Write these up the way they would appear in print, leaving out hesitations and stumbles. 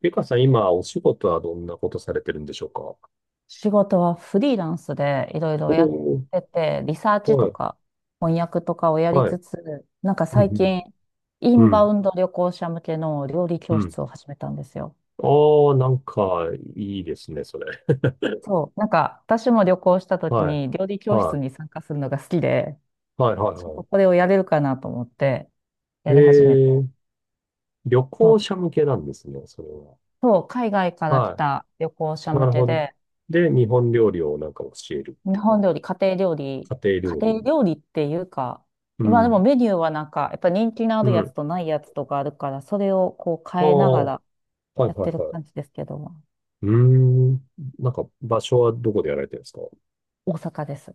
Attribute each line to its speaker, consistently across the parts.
Speaker 1: ゆかさん、今、お仕事はどんなことされてるんでしょうか？
Speaker 2: 仕事はフリーランスでいろいろやっ
Speaker 1: おー、
Speaker 2: てて、リサーチ
Speaker 1: は
Speaker 2: と
Speaker 1: い、
Speaker 2: か翻訳とかをやり
Speaker 1: は
Speaker 2: つ
Speaker 1: い。
Speaker 2: つ、なんか
Speaker 1: うん。
Speaker 2: 最近、イ
Speaker 1: うん、
Speaker 2: ン
Speaker 1: う
Speaker 2: バ
Speaker 1: ん、
Speaker 2: ウンド旅行者向けの料理教室を始めたんですよ。
Speaker 1: ああー、なんか、いいですね、それ。
Speaker 2: そう、なんか私も旅行した時
Speaker 1: はい、
Speaker 2: に料理教室
Speaker 1: は
Speaker 2: に参加するのが好きで、
Speaker 1: い、はい、はい、
Speaker 2: ちょっと
Speaker 1: は
Speaker 2: これをやれるかなと思って
Speaker 1: い。
Speaker 2: やり始めて、
Speaker 1: 旅
Speaker 2: そう、
Speaker 1: 行者向けなんですね、それは。
Speaker 2: そう海外から来
Speaker 1: は
Speaker 2: た旅行者
Speaker 1: い、な
Speaker 2: 向
Speaker 1: る
Speaker 2: け
Speaker 1: ほど。
Speaker 2: で、
Speaker 1: で、日本料理をなんか教えるっ
Speaker 2: 日
Speaker 1: て感
Speaker 2: 本
Speaker 1: じ。
Speaker 2: 料理、家庭料理、
Speaker 1: 家庭
Speaker 2: 家
Speaker 1: 料
Speaker 2: 庭
Speaker 1: 理。
Speaker 2: 料理っていうか、
Speaker 1: う
Speaker 2: 今でも
Speaker 1: ん、
Speaker 2: メニューはなんか、やっぱ人気のあ
Speaker 1: う
Speaker 2: るやつ
Speaker 1: ん。
Speaker 2: とないやつとかあるから、それをこう
Speaker 1: あ
Speaker 2: 変えな
Speaker 1: あ、
Speaker 2: が
Speaker 1: はい、
Speaker 2: ら
Speaker 1: はい、
Speaker 2: やってる
Speaker 1: はい。
Speaker 2: 感じですけども、
Speaker 1: うーん。なんか、場所はどこでやられてるんですか？
Speaker 2: 大阪です。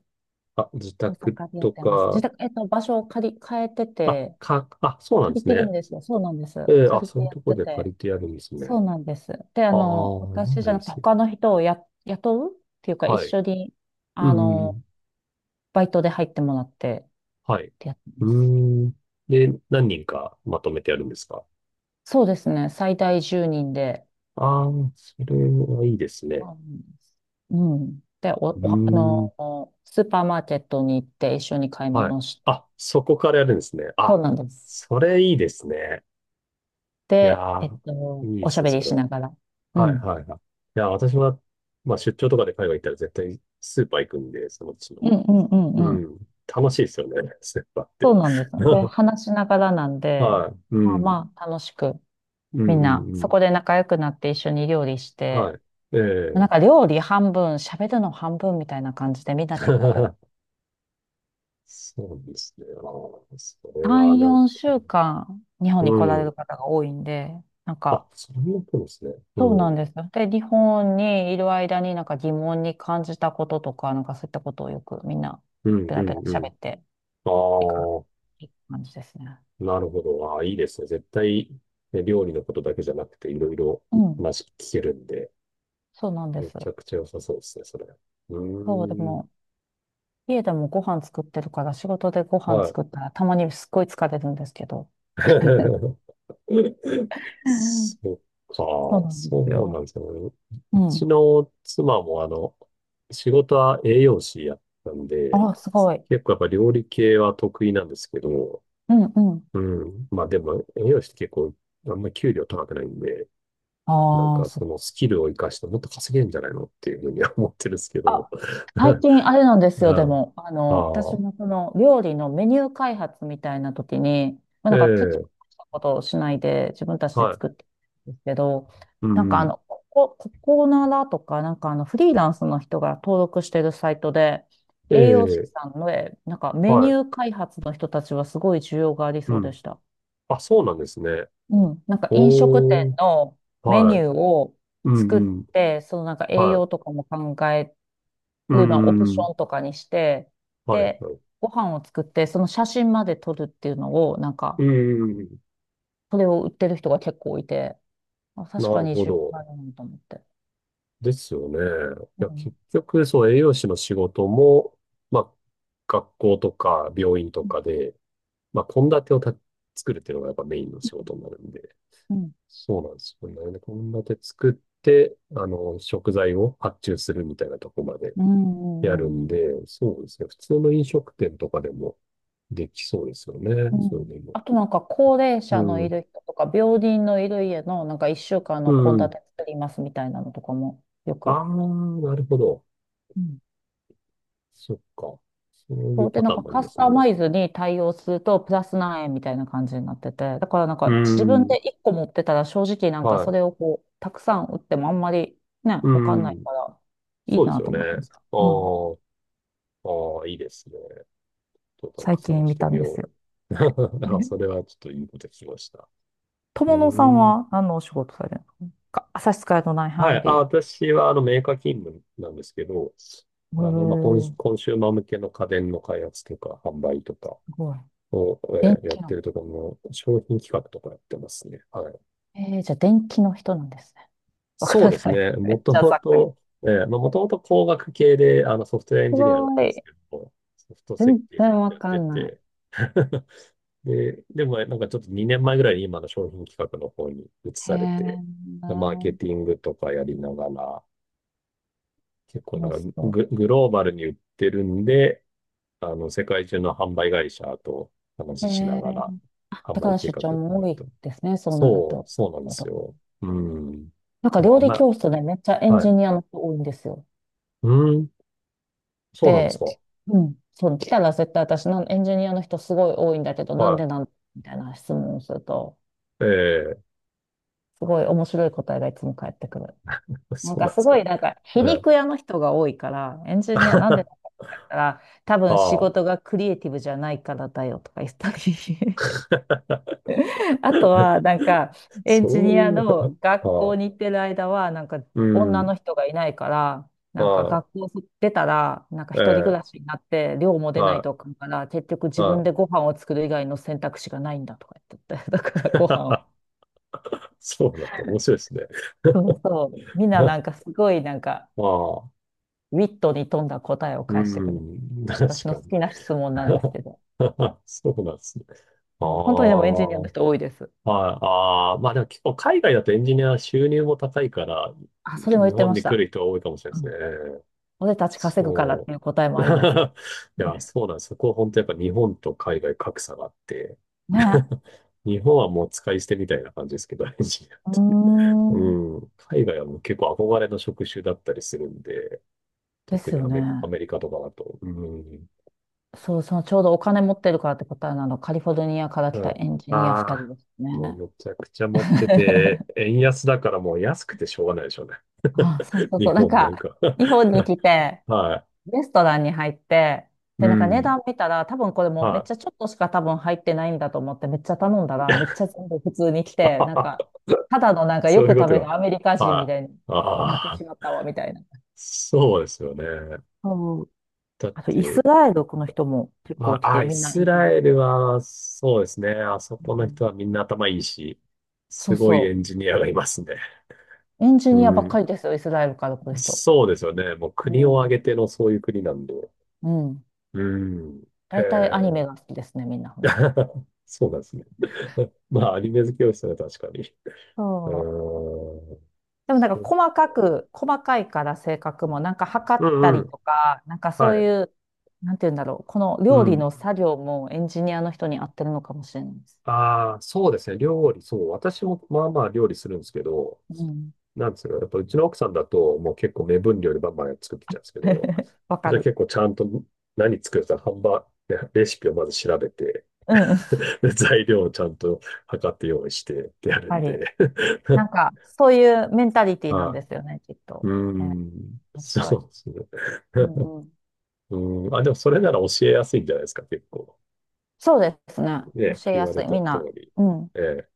Speaker 1: あ、自
Speaker 2: 大
Speaker 1: 宅
Speaker 2: 阪でやっ
Speaker 1: と
Speaker 2: てます。自
Speaker 1: か、
Speaker 2: 宅、場所を変えて
Speaker 1: あ、
Speaker 2: て、
Speaker 1: か、あ、そうなんで
Speaker 2: 借り
Speaker 1: す
Speaker 2: てる
Speaker 1: ね。
Speaker 2: んですよ。そうなんです。
Speaker 1: えー、あ、
Speaker 2: 借り
Speaker 1: そ
Speaker 2: て
Speaker 1: ういう
Speaker 2: やっ
Speaker 1: とこ
Speaker 2: て
Speaker 1: で借
Speaker 2: て。
Speaker 1: りてやるんですね。
Speaker 2: そうなんです。で、あ
Speaker 1: あ
Speaker 2: の、
Speaker 1: あ、なん
Speaker 2: 私
Speaker 1: か
Speaker 2: じ
Speaker 1: い
Speaker 2: ゃ
Speaker 1: い
Speaker 2: な
Speaker 1: で
Speaker 2: くて
Speaker 1: すね。
Speaker 2: 他の人を雇うっていうか、一
Speaker 1: はい。
Speaker 2: 緒に、
Speaker 1: う
Speaker 2: あ
Speaker 1: ん、う
Speaker 2: の、
Speaker 1: ん。
Speaker 2: バイトで入ってもらってっ
Speaker 1: はい。
Speaker 2: てやって
Speaker 1: う
Speaker 2: ま
Speaker 1: ー
Speaker 2: す。
Speaker 1: ん。で、何人かまとめてやるんですか？
Speaker 2: そうですね。最大10人で。
Speaker 1: ああー、それはいいですね。
Speaker 2: うん。うんで、
Speaker 1: う
Speaker 2: あ
Speaker 1: ーん。
Speaker 2: の、スーパーマーケットに行って一緒に買い
Speaker 1: はい。
Speaker 2: 物し、
Speaker 1: あ、そこからやるんですね。
Speaker 2: そ
Speaker 1: あ、
Speaker 2: うなんです。
Speaker 1: それいいですね。いや
Speaker 2: で、
Speaker 1: ー、いいで
Speaker 2: おし
Speaker 1: す
Speaker 2: ゃ
Speaker 1: よ、
Speaker 2: べり
Speaker 1: それ。
Speaker 2: しながら。う
Speaker 1: はい、
Speaker 2: ん。
Speaker 1: はい、はい。いや、私は、まあ、出張とかで海外行ったら絶対スーパー行くんで、そのうちの、
Speaker 2: うんうんうん
Speaker 1: う
Speaker 2: うん。
Speaker 1: ん、楽しいですよね、ステッパーっ
Speaker 2: そ
Speaker 1: て。
Speaker 2: うなんです。で、話しながらなんで、
Speaker 1: はい。う
Speaker 2: まあ
Speaker 1: ん。
Speaker 2: まあ、楽しく、
Speaker 1: うん、
Speaker 2: み
Speaker 1: う
Speaker 2: んな、
Speaker 1: ん、う
Speaker 2: そ
Speaker 1: ん。
Speaker 2: こで仲良くなって一緒に料理して、
Speaker 1: はい。え
Speaker 2: なん
Speaker 1: え。
Speaker 2: か料理半分、喋るの半分みたいな感じで、みんな結構、
Speaker 1: そうですね。ああ、それは
Speaker 2: 3、
Speaker 1: なんか、
Speaker 2: 4週間、日
Speaker 1: う
Speaker 2: 本に来られ
Speaker 1: ん。
Speaker 2: る方が多いんで、なん
Speaker 1: あ、
Speaker 2: か、
Speaker 1: それもそうですね。
Speaker 2: そう
Speaker 1: う
Speaker 2: な
Speaker 1: ん。
Speaker 2: んですよ。で、日本にいる間になんか疑問に感じたこととか、なんかそういったことをよくみんな
Speaker 1: うん、
Speaker 2: ペ
Speaker 1: う
Speaker 2: ラペラ
Speaker 1: ん、うん。
Speaker 2: 喋っていく
Speaker 1: あ
Speaker 2: 感じですね。
Speaker 1: あ、なるほど。ああ、いいですね。絶対、ね、料理のことだけじゃなくて、いろいろ
Speaker 2: うん。
Speaker 1: 話聞けるんで、
Speaker 2: そうなんで
Speaker 1: め
Speaker 2: す。
Speaker 1: ちゃくちゃ良さそうですね、それ。う
Speaker 2: そう、で
Speaker 1: ーん。
Speaker 2: も、家でもご飯作ってるから、仕事でご飯
Speaker 1: はい。
Speaker 2: 作ったらたまにすっごい疲れるんですけど。
Speaker 1: そっ
Speaker 2: そう
Speaker 1: か、
Speaker 2: なんです
Speaker 1: そうなん
Speaker 2: よ。
Speaker 1: ですよね。う
Speaker 2: う
Speaker 1: ち
Speaker 2: ん。
Speaker 1: の妻もあの、仕事は栄養士やったんで、
Speaker 2: あ、すごい。
Speaker 1: 結構やっぱ料理系は得意なんですけど、
Speaker 2: うんうん。
Speaker 1: うん。まあでも栄養士って結構あんまり給料高くないんで、なん
Speaker 2: ああ、
Speaker 1: かそのスキルを活かしてもっと稼げるんじゃないのっていうふうには思ってるんですけど。
Speaker 2: あ、最近あれなんで す
Speaker 1: う
Speaker 2: よ、で
Speaker 1: ん。
Speaker 2: も、あ
Speaker 1: あ
Speaker 2: の、私
Speaker 1: あ、
Speaker 2: もその料理のメニュー開発みたいな時に、まあ、
Speaker 1: え
Speaker 2: なんか手伝っ
Speaker 1: え、
Speaker 2: たことをしないで自分たち
Speaker 1: は
Speaker 2: で
Speaker 1: い。
Speaker 2: 作ってるんですけど、
Speaker 1: う
Speaker 2: なんか
Speaker 1: んう
Speaker 2: あ
Speaker 1: ん。
Speaker 2: の、ここならとか、なんかあの、フリーランスの人が登録してるサイトで、
Speaker 1: え
Speaker 2: 栄養士
Speaker 1: え、
Speaker 2: さんの、なんかメ
Speaker 1: は
Speaker 2: ニ
Speaker 1: い。
Speaker 2: ュー開発の人たちはすごい需要があり
Speaker 1: う
Speaker 2: そうで
Speaker 1: ん。
Speaker 2: した。
Speaker 1: あ、そうなんですね。
Speaker 2: うん。なんか飲食
Speaker 1: お
Speaker 2: 店
Speaker 1: ー。
Speaker 2: のメニ
Speaker 1: はい。
Speaker 2: ューを
Speaker 1: う
Speaker 2: 作っ
Speaker 1: んうん。
Speaker 2: て、そのなんか栄
Speaker 1: は
Speaker 2: 養
Speaker 1: い。
Speaker 2: とかも考え
Speaker 1: う
Speaker 2: いうのをオプ
Speaker 1: んう
Speaker 2: シ
Speaker 1: ん。
Speaker 2: ョンとかにして、
Speaker 1: はい。
Speaker 2: で、
Speaker 1: はい。
Speaker 2: ご飯を作って、その写真まで撮るっていうのを、なん
Speaker 1: う
Speaker 2: か、
Speaker 1: んうん。
Speaker 2: それを売ってる人が結構いて、あ、確
Speaker 1: な
Speaker 2: か
Speaker 1: る
Speaker 2: に
Speaker 1: ほ
Speaker 2: 自分があ
Speaker 1: ど。
Speaker 2: るなと思って。
Speaker 1: ですよね。い
Speaker 2: う
Speaker 1: や、
Speaker 2: ん。
Speaker 1: 結局、そう、栄養士の仕事も、まあ、学校とか病院と
Speaker 2: うん。
Speaker 1: かで、まあ、献立をた作るっていうのがやっぱメインの仕事になるんで、
Speaker 2: うん。
Speaker 1: そうなんですよね。献立作って、あの、食材を発注するみたいなとこまで
Speaker 2: う
Speaker 1: やる
Speaker 2: ん。う
Speaker 1: ん
Speaker 2: ん。
Speaker 1: で、そうですね。普通の飲食店とかでもできそうですよね。
Speaker 2: う
Speaker 1: それ
Speaker 2: ん。
Speaker 1: でも。
Speaker 2: あとなんか、高齢
Speaker 1: う
Speaker 2: 者のい
Speaker 1: ん。
Speaker 2: る人とか、病人のいる家の、なんか、一週間
Speaker 1: う
Speaker 2: の献
Speaker 1: ん。
Speaker 2: 立作りますみたいなのとかも、よ
Speaker 1: あ
Speaker 2: く。
Speaker 1: あ、なるほど。そっか。そうい
Speaker 2: そ
Speaker 1: う
Speaker 2: うで、
Speaker 1: パ
Speaker 2: な
Speaker 1: タ
Speaker 2: ん
Speaker 1: ー
Speaker 2: か
Speaker 1: ンもあり
Speaker 2: カ
Speaker 1: ま
Speaker 2: ス
Speaker 1: す
Speaker 2: タ
Speaker 1: ね。
Speaker 2: マイズに対応するとプラス何円みたいな感じになってて、だからなん
Speaker 1: う
Speaker 2: か
Speaker 1: ー
Speaker 2: 自分
Speaker 1: ん、
Speaker 2: で1個持ってたら正直なんか
Speaker 1: は
Speaker 2: そ
Speaker 1: い。
Speaker 2: れをこう、たくさん売ってもあんまりね、
Speaker 1: う
Speaker 2: わかんな
Speaker 1: ー
Speaker 2: い
Speaker 1: ん。
Speaker 2: からいい
Speaker 1: そうです
Speaker 2: な
Speaker 1: よ
Speaker 2: と
Speaker 1: ね。
Speaker 2: 思いました。
Speaker 1: あ
Speaker 2: うん。
Speaker 1: あ、ああ、いいですね。ちょっとなんか
Speaker 2: 最
Speaker 1: 探
Speaker 2: 近
Speaker 1: し
Speaker 2: 見
Speaker 1: て
Speaker 2: たん
Speaker 1: み
Speaker 2: です
Speaker 1: よ
Speaker 2: よ。
Speaker 1: う。あ、そ れはちょっといいこと聞きました。う
Speaker 2: 友野さん
Speaker 1: ーん。
Speaker 2: は何のお仕事されるのか、差し支えのない
Speaker 1: は
Speaker 2: 範囲
Speaker 1: い。
Speaker 2: で
Speaker 1: あ、
Speaker 2: 言う。
Speaker 1: 私はあのメーカー勤務なんですけど、
Speaker 2: う
Speaker 1: あの、まあ、コン、
Speaker 2: ーん。
Speaker 1: コンシューマー向けの家電の開発とか販売とか
Speaker 2: すごい。
Speaker 1: を、
Speaker 2: 電
Speaker 1: やっ
Speaker 2: 気
Speaker 1: て
Speaker 2: の。
Speaker 1: るところの商品企画とかやってますね。はい。
Speaker 2: じゃあ電気の人なんですね。わ
Speaker 1: そう
Speaker 2: か
Speaker 1: で
Speaker 2: ら
Speaker 1: す
Speaker 2: ない。
Speaker 1: ね。
Speaker 2: め
Speaker 1: も
Speaker 2: っ
Speaker 1: と
Speaker 2: ちゃ
Speaker 1: も
Speaker 2: ざっくり。す
Speaker 1: と、ええまあ、もともと工学系であのソフトウェアエンジニアだっ
Speaker 2: ご
Speaker 1: たんです
Speaker 2: い。
Speaker 1: けど、ソフト設
Speaker 2: 全
Speaker 1: 計ずっ
Speaker 2: 然わ
Speaker 1: と
Speaker 2: か
Speaker 1: やって
Speaker 2: んない。
Speaker 1: て、で、でもなんかちょっと2年前ぐらいに今の商品企画の方に移
Speaker 2: へ
Speaker 1: されて、
Speaker 2: え。
Speaker 1: マーケティングとかやりながら、結構
Speaker 2: そ
Speaker 1: な
Speaker 2: う
Speaker 1: んか
Speaker 2: そ
Speaker 1: グ、グローバルに売ってるんで、あの、世界中の販売会社と
Speaker 2: う。
Speaker 1: 話ししながら、販
Speaker 2: だか
Speaker 1: 売
Speaker 2: ら
Speaker 1: 計
Speaker 2: 出
Speaker 1: 画を
Speaker 2: 張も
Speaker 1: 考
Speaker 2: 多
Speaker 1: えて。
Speaker 2: いですね、そうなる
Speaker 1: そう、
Speaker 2: と。
Speaker 1: そうなんですよ。うん。
Speaker 2: なんか
Speaker 1: もう
Speaker 2: 料
Speaker 1: あん
Speaker 2: 理
Speaker 1: ま、
Speaker 2: 教室でめっちゃエン
Speaker 1: は
Speaker 2: ジ
Speaker 1: い。
Speaker 2: ニアの人多いんですよ。
Speaker 1: うん。そうなんです
Speaker 2: で、
Speaker 1: か。
Speaker 2: うん、そう、来たら絶対私のエンジニアの人すごい多いんだけど、なん
Speaker 1: は
Speaker 2: でなんみたいな質問をすると、
Speaker 1: い。ええ。
Speaker 2: すごい面白い答えがいつも返ってくる。なん
Speaker 1: そう
Speaker 2: か
Speaker 1: なんで
Speaker 2: す
Speaker 1: す
Speaker 2: ご
Speaker 1: か。
Speaker 2: い、なんか皮
Speaker 1: ええ。
Speaker 2: 肉屋の人が多いから、エンジニアなんでなん だって言ったら、多
Speaker 1: あ
Speaker 2: 分仕
Speaker 1: あ。
Speaker 2: 事がクリエイティブじゃないからだよとか言ったり。あとは、なんか、エンジ
Speaker 1: そ
Speaker 2: ニ
Speaker 1: う
Speaker 2: ア
Speaker 1: いう、
Speaker 2: の学
Speaker 1: あ
Speaker 2: 校
Speaker 1: あ。
Speaker 2: に行ってる間は、なんか、
Speaker 1: う
Speaker 2: 女
Speaker 1: ん。
Speaker 2: の人がいないから、なんか、
Speaker 1: は
Speaker 2: 学校出たら、なんか、
Speaker 1: い。
Speaker 2: 一人暮ら
Speaker 1: ええ。
Speaker 2: しになって、寮も出ない
Speaker 1: は
Speaker 2: とあかんから、結局
Speaker 1: い。
Speaker 2: 自
Speaker 1: は
Speaker 2: 分
Speaker 1: い。
Speaker 2: でご飯を作る以外の選択肢がないんだとか言ってて、だからご飯を。
Speaker 1: そうなんだ。面白いですね。
Speaker 2: そうそう。みん なな
Speaker 1: あ
Speaker 2: んか、すごい、なんか、
Speaker 1: あ。
Speaker 2: ウィットに富んだ答えを
Speaker 1: う
Speaker 2: 返してくる。
Speaker 1: ん。確
Speaker 2: 私の
Speaker 1: か
Speaker 2: 好
Speaker 1: に。
Speaker 2: きな質問なんですけど。
Speaker 1: そうなんですね。あ
Speaker 2: そう本当にでもエンジニア
Speaker 1: あ。
Speaker 2: の
Speaker 1: はい。
Speaker 2: 人多いです。
Speaker 1: ああ。まあでも結構海外だとエンジニア収入も高いから、
Speaker 2: あ、それも
Speaker 1: 日
Speaker 2: 言って
Speaker 1: 本
Speaker 2: まし
Speaker 1: に来
Speaker 2: た。
Speaker 1: る人が多いかもしれ
Speaker 2: う
Speaker 1: ない
Speaker 2: ん。
Speaker 1: で
Speaker 2: 俺たち
Speaker 1: すね。
Speaker 2: 稼ぐからっ
Speaker 1: そ
Speaker 2: ていう答えも
Speaker 1: う。い
Speaker 2: あります。
Speaker 1: や、そうなんです。そこは本当やっぱ日本と海外格差があって、
Speaker 2: ね。
Speaker 1: 日本はもう使い捨てみたいな感じですけど、エンジニアっ
Speaker 2: うー
Speaker 1: て。う
Speaker 2: ん。
Speaker 1: ん。海外はもう結構憧れの職種だったりするんで、
Speaker 2: で
Speaker 1: 特
Speaker 2: す
Speaker 1: に
Speaker 2: よ
Speaker 1: アメ、ア
Speaker 2: ね。
Speaker 1: メリカとかだと。うん。
Speaker 2: そう、そのちょうどお金持ってるからって答えなの、カリフォルニアから来たエンジニア2人
Speaker 1: ああ
Speaker 2: です
Speaker 1: ー、もう
Speaker 2: ね。
Speaker 1: めちゃくちゃ持ってて、円安だからもう安くてしょうがないでしょうね。
Speaker 2: あ、そう そうそ
Speaker 1: 日
Speaker 2: う。なん
Speaker 1: 本なん
Speaker 2: か、
Speaker 1: か。
Speaker 2: 日本に来て、
Speaker 1: は
Speaker 2: レストランに入って、
Speaker 1: い。う
Speaker 2: で、なんか値
Speaker 1: ん。
Speaker 2: 段見たら、多分これもうめっ
Speaker 1: は
Speaker 2: ちゃちょっとしか多分入ってないんだと思って、めっちゃ頼んだら、めっちゃ全部普通に来
Speaker 1: い。
Speaker 2: て、なんか、ただのなんかよ
Speaker 1: そうい
Speaker 2: く
Speaker 1: うこ
Speaker 2: 食
Speaker 1: と
Speaker 2: べ
Speaker 1: が。
Speaker 2: るアメリカ人み
Speaker 1: は
Speaker 2: たいに
Speaker 1: い。
Speaker 2: なって
Speaker 1: あ
Speaker 2: し
Speaker 1: あ、
Speaker 2: まったわ、みたいな。
Speaker 1: そうですよね。
Speaker 2: そう。
Speaker 1: だっ
Speaker 2: あと、イス
Speaker 1: て、
Speaker 2: ラエルの人も結
Speaker 1: ま
Speaker 2: 構来
Speaker 1: あ、あ、
Speaker 2: て、
Speaker 1: イ
Speaker 2: みんなエ
Speaker 1: ス
Speaker 2: ンジ
Speaker 1: ラエ
Speaker 2: ニアで
Speaker 1: ル
Speaker 2: す。
Speaker 1: は、そうですね。あそ
Speaker 2: う
Speaker 1: この人
Speaker 2: ん。
Speaker 1: はみんな頭いいし、
Speaker 2: そ
Speaker 1: す
Speaker 2: う
Speaker 1: ごい
Speaker 2: そ
Speaker 1: エ
Speaker 2: う。
Speaker 1: ンジニアがいますね。
Speaker 2: エンジ
Speaker 1: う
Speaker 2: ニアばっか
Speaker 1: ん。
Speaker 2: りですよ、イスラエルから来る人。
Speaker 1: そうですよね。もう
Speaker 2: う
Speaker 1: 国を
Speaker 2: ん。
Speaker 1: 挙げてのそういう国なんで。
Speaker 2: うん。
Speaker 1: うん。へ
Speaker 2: 大体アニメ
Speaker 1: え。
Speaker 2: が好きですね、みんなほんで。
Speaker 1: そうなんですね。まあ、アニメ好きをしたら確かに。うー
Speaker 2: そう。
Speaker 1: ん。
Speaker 2: でもなん
Speaker 1: そ
Speaker 2: か
Speaker 1: う。
Speaker 2: 細かいから性格も、なんか測
Speaker 1: う
Speaker 2: った
Speaker 1: んう
Speaker 2: り
Speaker 1: ん。
Speaker 2: とか、なんか
Speaker 1: は
Speaker 2: そうい
Speaker 1: い。
Speaker 2: う、なんて言うんだろう、この
Speaker 1: う
Speaker 2: 料理
Speaker 1: ん。
Speaker 2: の作業もエンジニアの人に合ってるのかもしれないです。
Speaker 1: ああ、そうですね。料理、そう。私もまあまあ料理するんですけど、
Speaker 2: うん。
Speaker 1: なんですか、やっぱうちの奥さんだと、もう結構目分量でバンバン作ってきちゃうんですけど、
Speaker 2: わか
Speaker 1: それ
Speaker 2: る。
Speaker 1: 結構ちゃんと何作るか、ハンバーグ、ねレシピをまず調べて、
Speaker 2: うん。や
Speaker 1: で材料をちゃんと測って用意してってや
Speaker 2: っ
Speaker 1: る
Speaker 2: ぱ
Speaker 1: ん
Speaker 2: り、
Speaker 1: で。
Speaker 2: なんかそういうメンタリ ティなん
Speaker 1: あ、
Speaker 2: ですよね、きっ
Speaker 1: う
Speaker 2: と。
Speaker 1: ー
Speaker 2: え、
Speaker 1: ん、
Speaker 2: 面白
Speaker 1: そ
Speaker 2: い。
Speaker 1: うですね。
Speaker 2: う んうん。
Speaker 1: うん、あ、でもそれなら教えやすいんじゃないですか、結構。
Speaker 2: そうですね。
Speaker 1: ね、
Speaker 2: 教え
Speaker 1: 言
Speaker 2: や
Speaker 1: わ
Speaker 2: す
Speaker 1: れ
Speaker 2: い。
Speaker 1: た
Speaker 2: みん
Speaker 1: 通
Speaker 2: な、
Speaker 1: り。
Speaker 2: うん。
Speaker 1: ええ、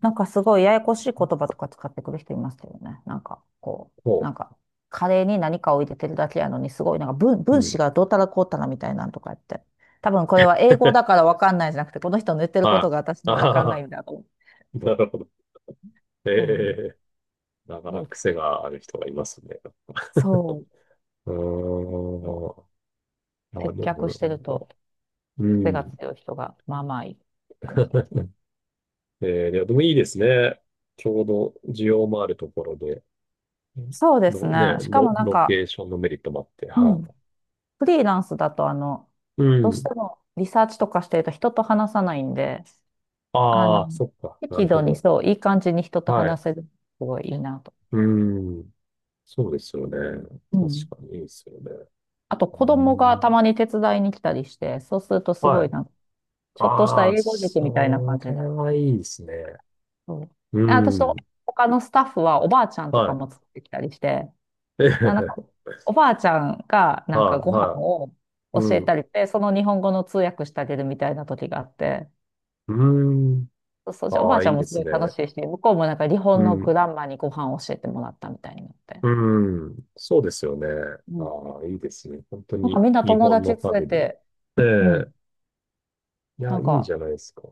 Speaker 2: なんかすごいややこしい言葉とか使ってくる人いますけどね。なんかこう、な
Speaker 1: も
Speaker 2: んかカレーに何かを入れてるだけやのにすごいなんか
Speaker 1: う、う
Speaker 2: 分
Speaker 1: ん。
Speaker 2: 子がどうたらこうたらみたいなんとか言って。多分これは英語だか らわかんないじゃなくて、この人の言ってること
Speaker 1: は
Speaker 2: が私
Speaker 1: い。
Speaker 2: にはわかんない
Speaker 1: ああ、
Speaker 2: んだと思う。
Speaker 1: なるほど。え
Speaker 2: そうなんです。
Speaker 1: え。な
Speaker 2: す
Speaker 1: かな
Speaker 2: ご
Speaker 1: か
Speaker 2: い。
Speaker 1: 癖がある人がいますね。
Speaker 2: そう。
Speaker 1: うーん。あ、
Speaker 2: 接
Speaker 1: でも、
Speaker 2: 客
Speaker 1: な
Speaker 2: してる
Speaker 1: んか、
Speaker 2: と
Speaker 1: う
Speaker 2: 癖が
Speaker 1: ん。
Speaker 2: 強い人がまあまあいい感じで
Speaker 1: ええ。いやでもいいですね。ちょうど需要もあるところで、
Speaker 2: す。そうです
Speaker 1: ロ、ね、
Speaker 2: ね。しかも
Speaker 1: ロ、
Speaker 2: なん
Speaker 1: ロ
Speaker 2: か、
Speaker 1: ケーションのメリットもあって、
Speaker 2: う
Speaker 1: は
Speaker 2: ん。フリーランスだとあの、
Speaker 1: い。う
Speaker 2: どうし
Speaker 1: ん。
Speaker 2: てもリサーチとかしてると人と話さないんで、あの、
Speaker 1: ああ、そっか。な
Speaker 2: 適
Speaker 1: るほ
Speaker 2: 度に
Speaker 1: ど。
Speaker 2: そう、いい感じに人と
Speaker 1: はい。
Speaker 2: 話せる。すごいいいなと。
Speaker 1: うん。そうですよね。
Speaker 2: う
Speaker 1: 確
Speaker 2: ん。
Speaker 1: かにいいですよね。
Speaker 2: あと、
Speaker 1: う
Speaker 2: 子供がた
Speaker 1: ん。
Speaker 2: まに手伝いに来たりして、そうするとす
Speaker 1: は
Speaker 2: ごい
Speaker 1: い。
Speaker 2: なんか、ちょっとした
Speaker 1: ああ、
Speaker 2: 英語塾みたいな感
Speaker 1: そ
Speaker 2: じ
Speaker 1: れ
Speaker 2: だ。
Speaker 1: はいいですね。
Speaker 2: そう。
Speaker 1: う
Speaker 2: あ、私と
Speaker 1: ん。
Speaker 2: 他のスタッフはおばあちゃんと
Speaker 1: は
Speaker 2: か
Speaker 1: い。
Speaker 2: も作ってきたりして、
Speaker 1: え
Speaker 2: なんか、
Speaker 1: え、
Speaker 2: おばあちゃんがなんか
Speaker 1: はい、
Speaker 2: ご飯
Speaker 1: は
Speaker 2: を
Speaker 1: い。う
Speaker 2: 教え
Speaker 1: ん。
Speaker 2: たりして、その日本語の通訳してあげるみたいな時があって、
Speaker 1: うーん。
Speaker 2: そうそう、じゃあお
Speaker 1: あ
Speaker 2: ばあ
Speaker 1: あ、
Speaker 2: ちゃ
Speaker 1: い
Speaker 2: ん
Speaker 1: い
Speaker 2: も
Speaker 1: で
Speaker 2: すご
Speaker 1: す
Speaker 2: い楽
Speaker 1: ね。
Speaker 2: しいし、向こうもなんか日
Speaker 1: う
Speaker 2: 本のグ
Speaker 1: ん。
Speaker 2: ランマにご飯を教えてもらったみたいになって。
Speaker 1: うん。そうですよね。
Speaker 2: うん。
Speaker 1: ああ、いいですね。本当
Speaker 2: なんか
Speaker 1: に
Speaker 2: みんな
Speaker 1: 日
Speaker 2: 友
Speaker 1: 本
Speaker 2: 達
Speaker 1: の
Speaker 2: 連
Speaker 1: ファ
Speaker 2: れ
Speaker 1: ミリ
Speaker 2: て、
Speaker 1: ー。
Speaker 2: う
Speaker 1: え
Speaker 2: ん。
Speaker 1: え。いや、
Speaker 2: な
Speaker 1: い
Speaker 2: ん
Speaker 1: いん
Speaker 2: か、
Speaker 1: じゃないですか。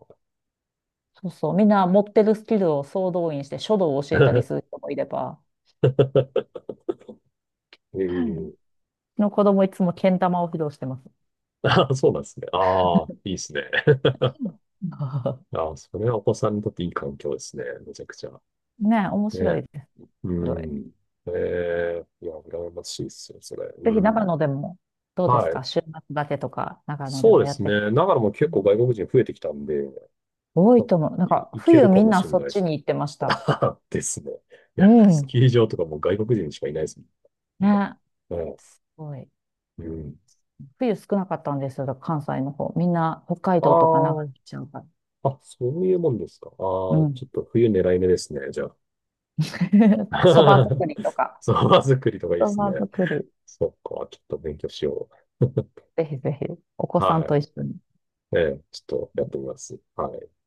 Speaker 2: そうそう、みんな持ってるスキルを総動員して書道を教えたりす る人もいれば、
Speaker 1: え
Speaker 2: うん、
Speaker 1: え。
Speaker 2: うちの子供いつもけん玉を披露してます。
Speaker 1: ああ、そうなんですね。ああ、いいですね。
Speaker 2: うん。
Speaker 1: ああ、それはお子さんにとっていい環境ですね。めちゃくちゃ。
Speaker 2: ねえ、面
Speaker 1: ね
Speaker 2: 白
Speaker 1: え。
Speaker 2: いです。
Speaker 1: う
Speaker 2: すごい。
Speaker 1: ん。ええ。いや、羨ましいですよ、それ。
Speaker 2: ぜ
Speaker 1: う
Speaker 2: ひ長
Speaker 1: ん。
Speaker 2: 野でも、どうです
Speaker 1: はい。
Speaker 2: か週末だけとか、長野で
Speaker 1: そう
Speaker 2: も
Speaker 1: で
Speaker 2: やっ
Speaker 1: す
Speaker 2: てみて。
Speaker 1: ね。長野も
Speaker 2: う
Speaker 1: 結構
Speaker 2: ん、
Speaker 1: 外国人増えてきたんで、
Speaker 2: 多
Speaker 1: な
Speaker 2: い
Speaker 1: ん
Speaker 2: と
Speaker 1: か、
Speaker 2: 思う。なん
Speaker 1: い、
Speaker 2: か、
Speaker 1: いけ
Speaker 2: 冬
Speaker 1: るか
Speaker 2: みん
Speaker 1: も
Speaker 2: な
Speaker 1: しれ
Speaker 2: そ
Speaker 1: な
Speaker 2: っ
Speaker 1: いで
Speaker 2: ち
Speaker 1: す。
Speaker 2: に行ってました。
Speaker 1: ですね。い
Speaker 2: う
Speaker 1: や、ス
Speaker 2: ん。
Speaker 1: キー場とかもう外国人しかいないですもん。今。
Speaker 2: ね、
Speaker 1: はい。
Speaker 2: すごい。
Speaker 1: うん。
Speaker 2: 冬少なかったんですよ、だから関西の方。みんな北海道とか長野
Speaker 1: あ
Speaker 2: 行っちゃうから。
Speaker 1: あ、あ、そういうもんですか。
Speaker 2: う
Speaker 1: ああ、
Speaker 2: ん。
Speaker 1: ちょっと冬狙い目ですね、じゃあ。
Speaker 2: そば作りと か。
Speaker 1: そば作りとかいいで
Speaker 2: そ
Speaker 1: すね。
Speaker 2: ば作り、
Speaker 1: そっか、ちょっと勉強しよ
Speaker 2: ぜひぜひ、お子
Speaker 1: う。
Speaker 2: さん
Speaker 1: は
Speaker 2: と一緒に。
Speaker 1: い。ええ、ちょっとやってみます。はい。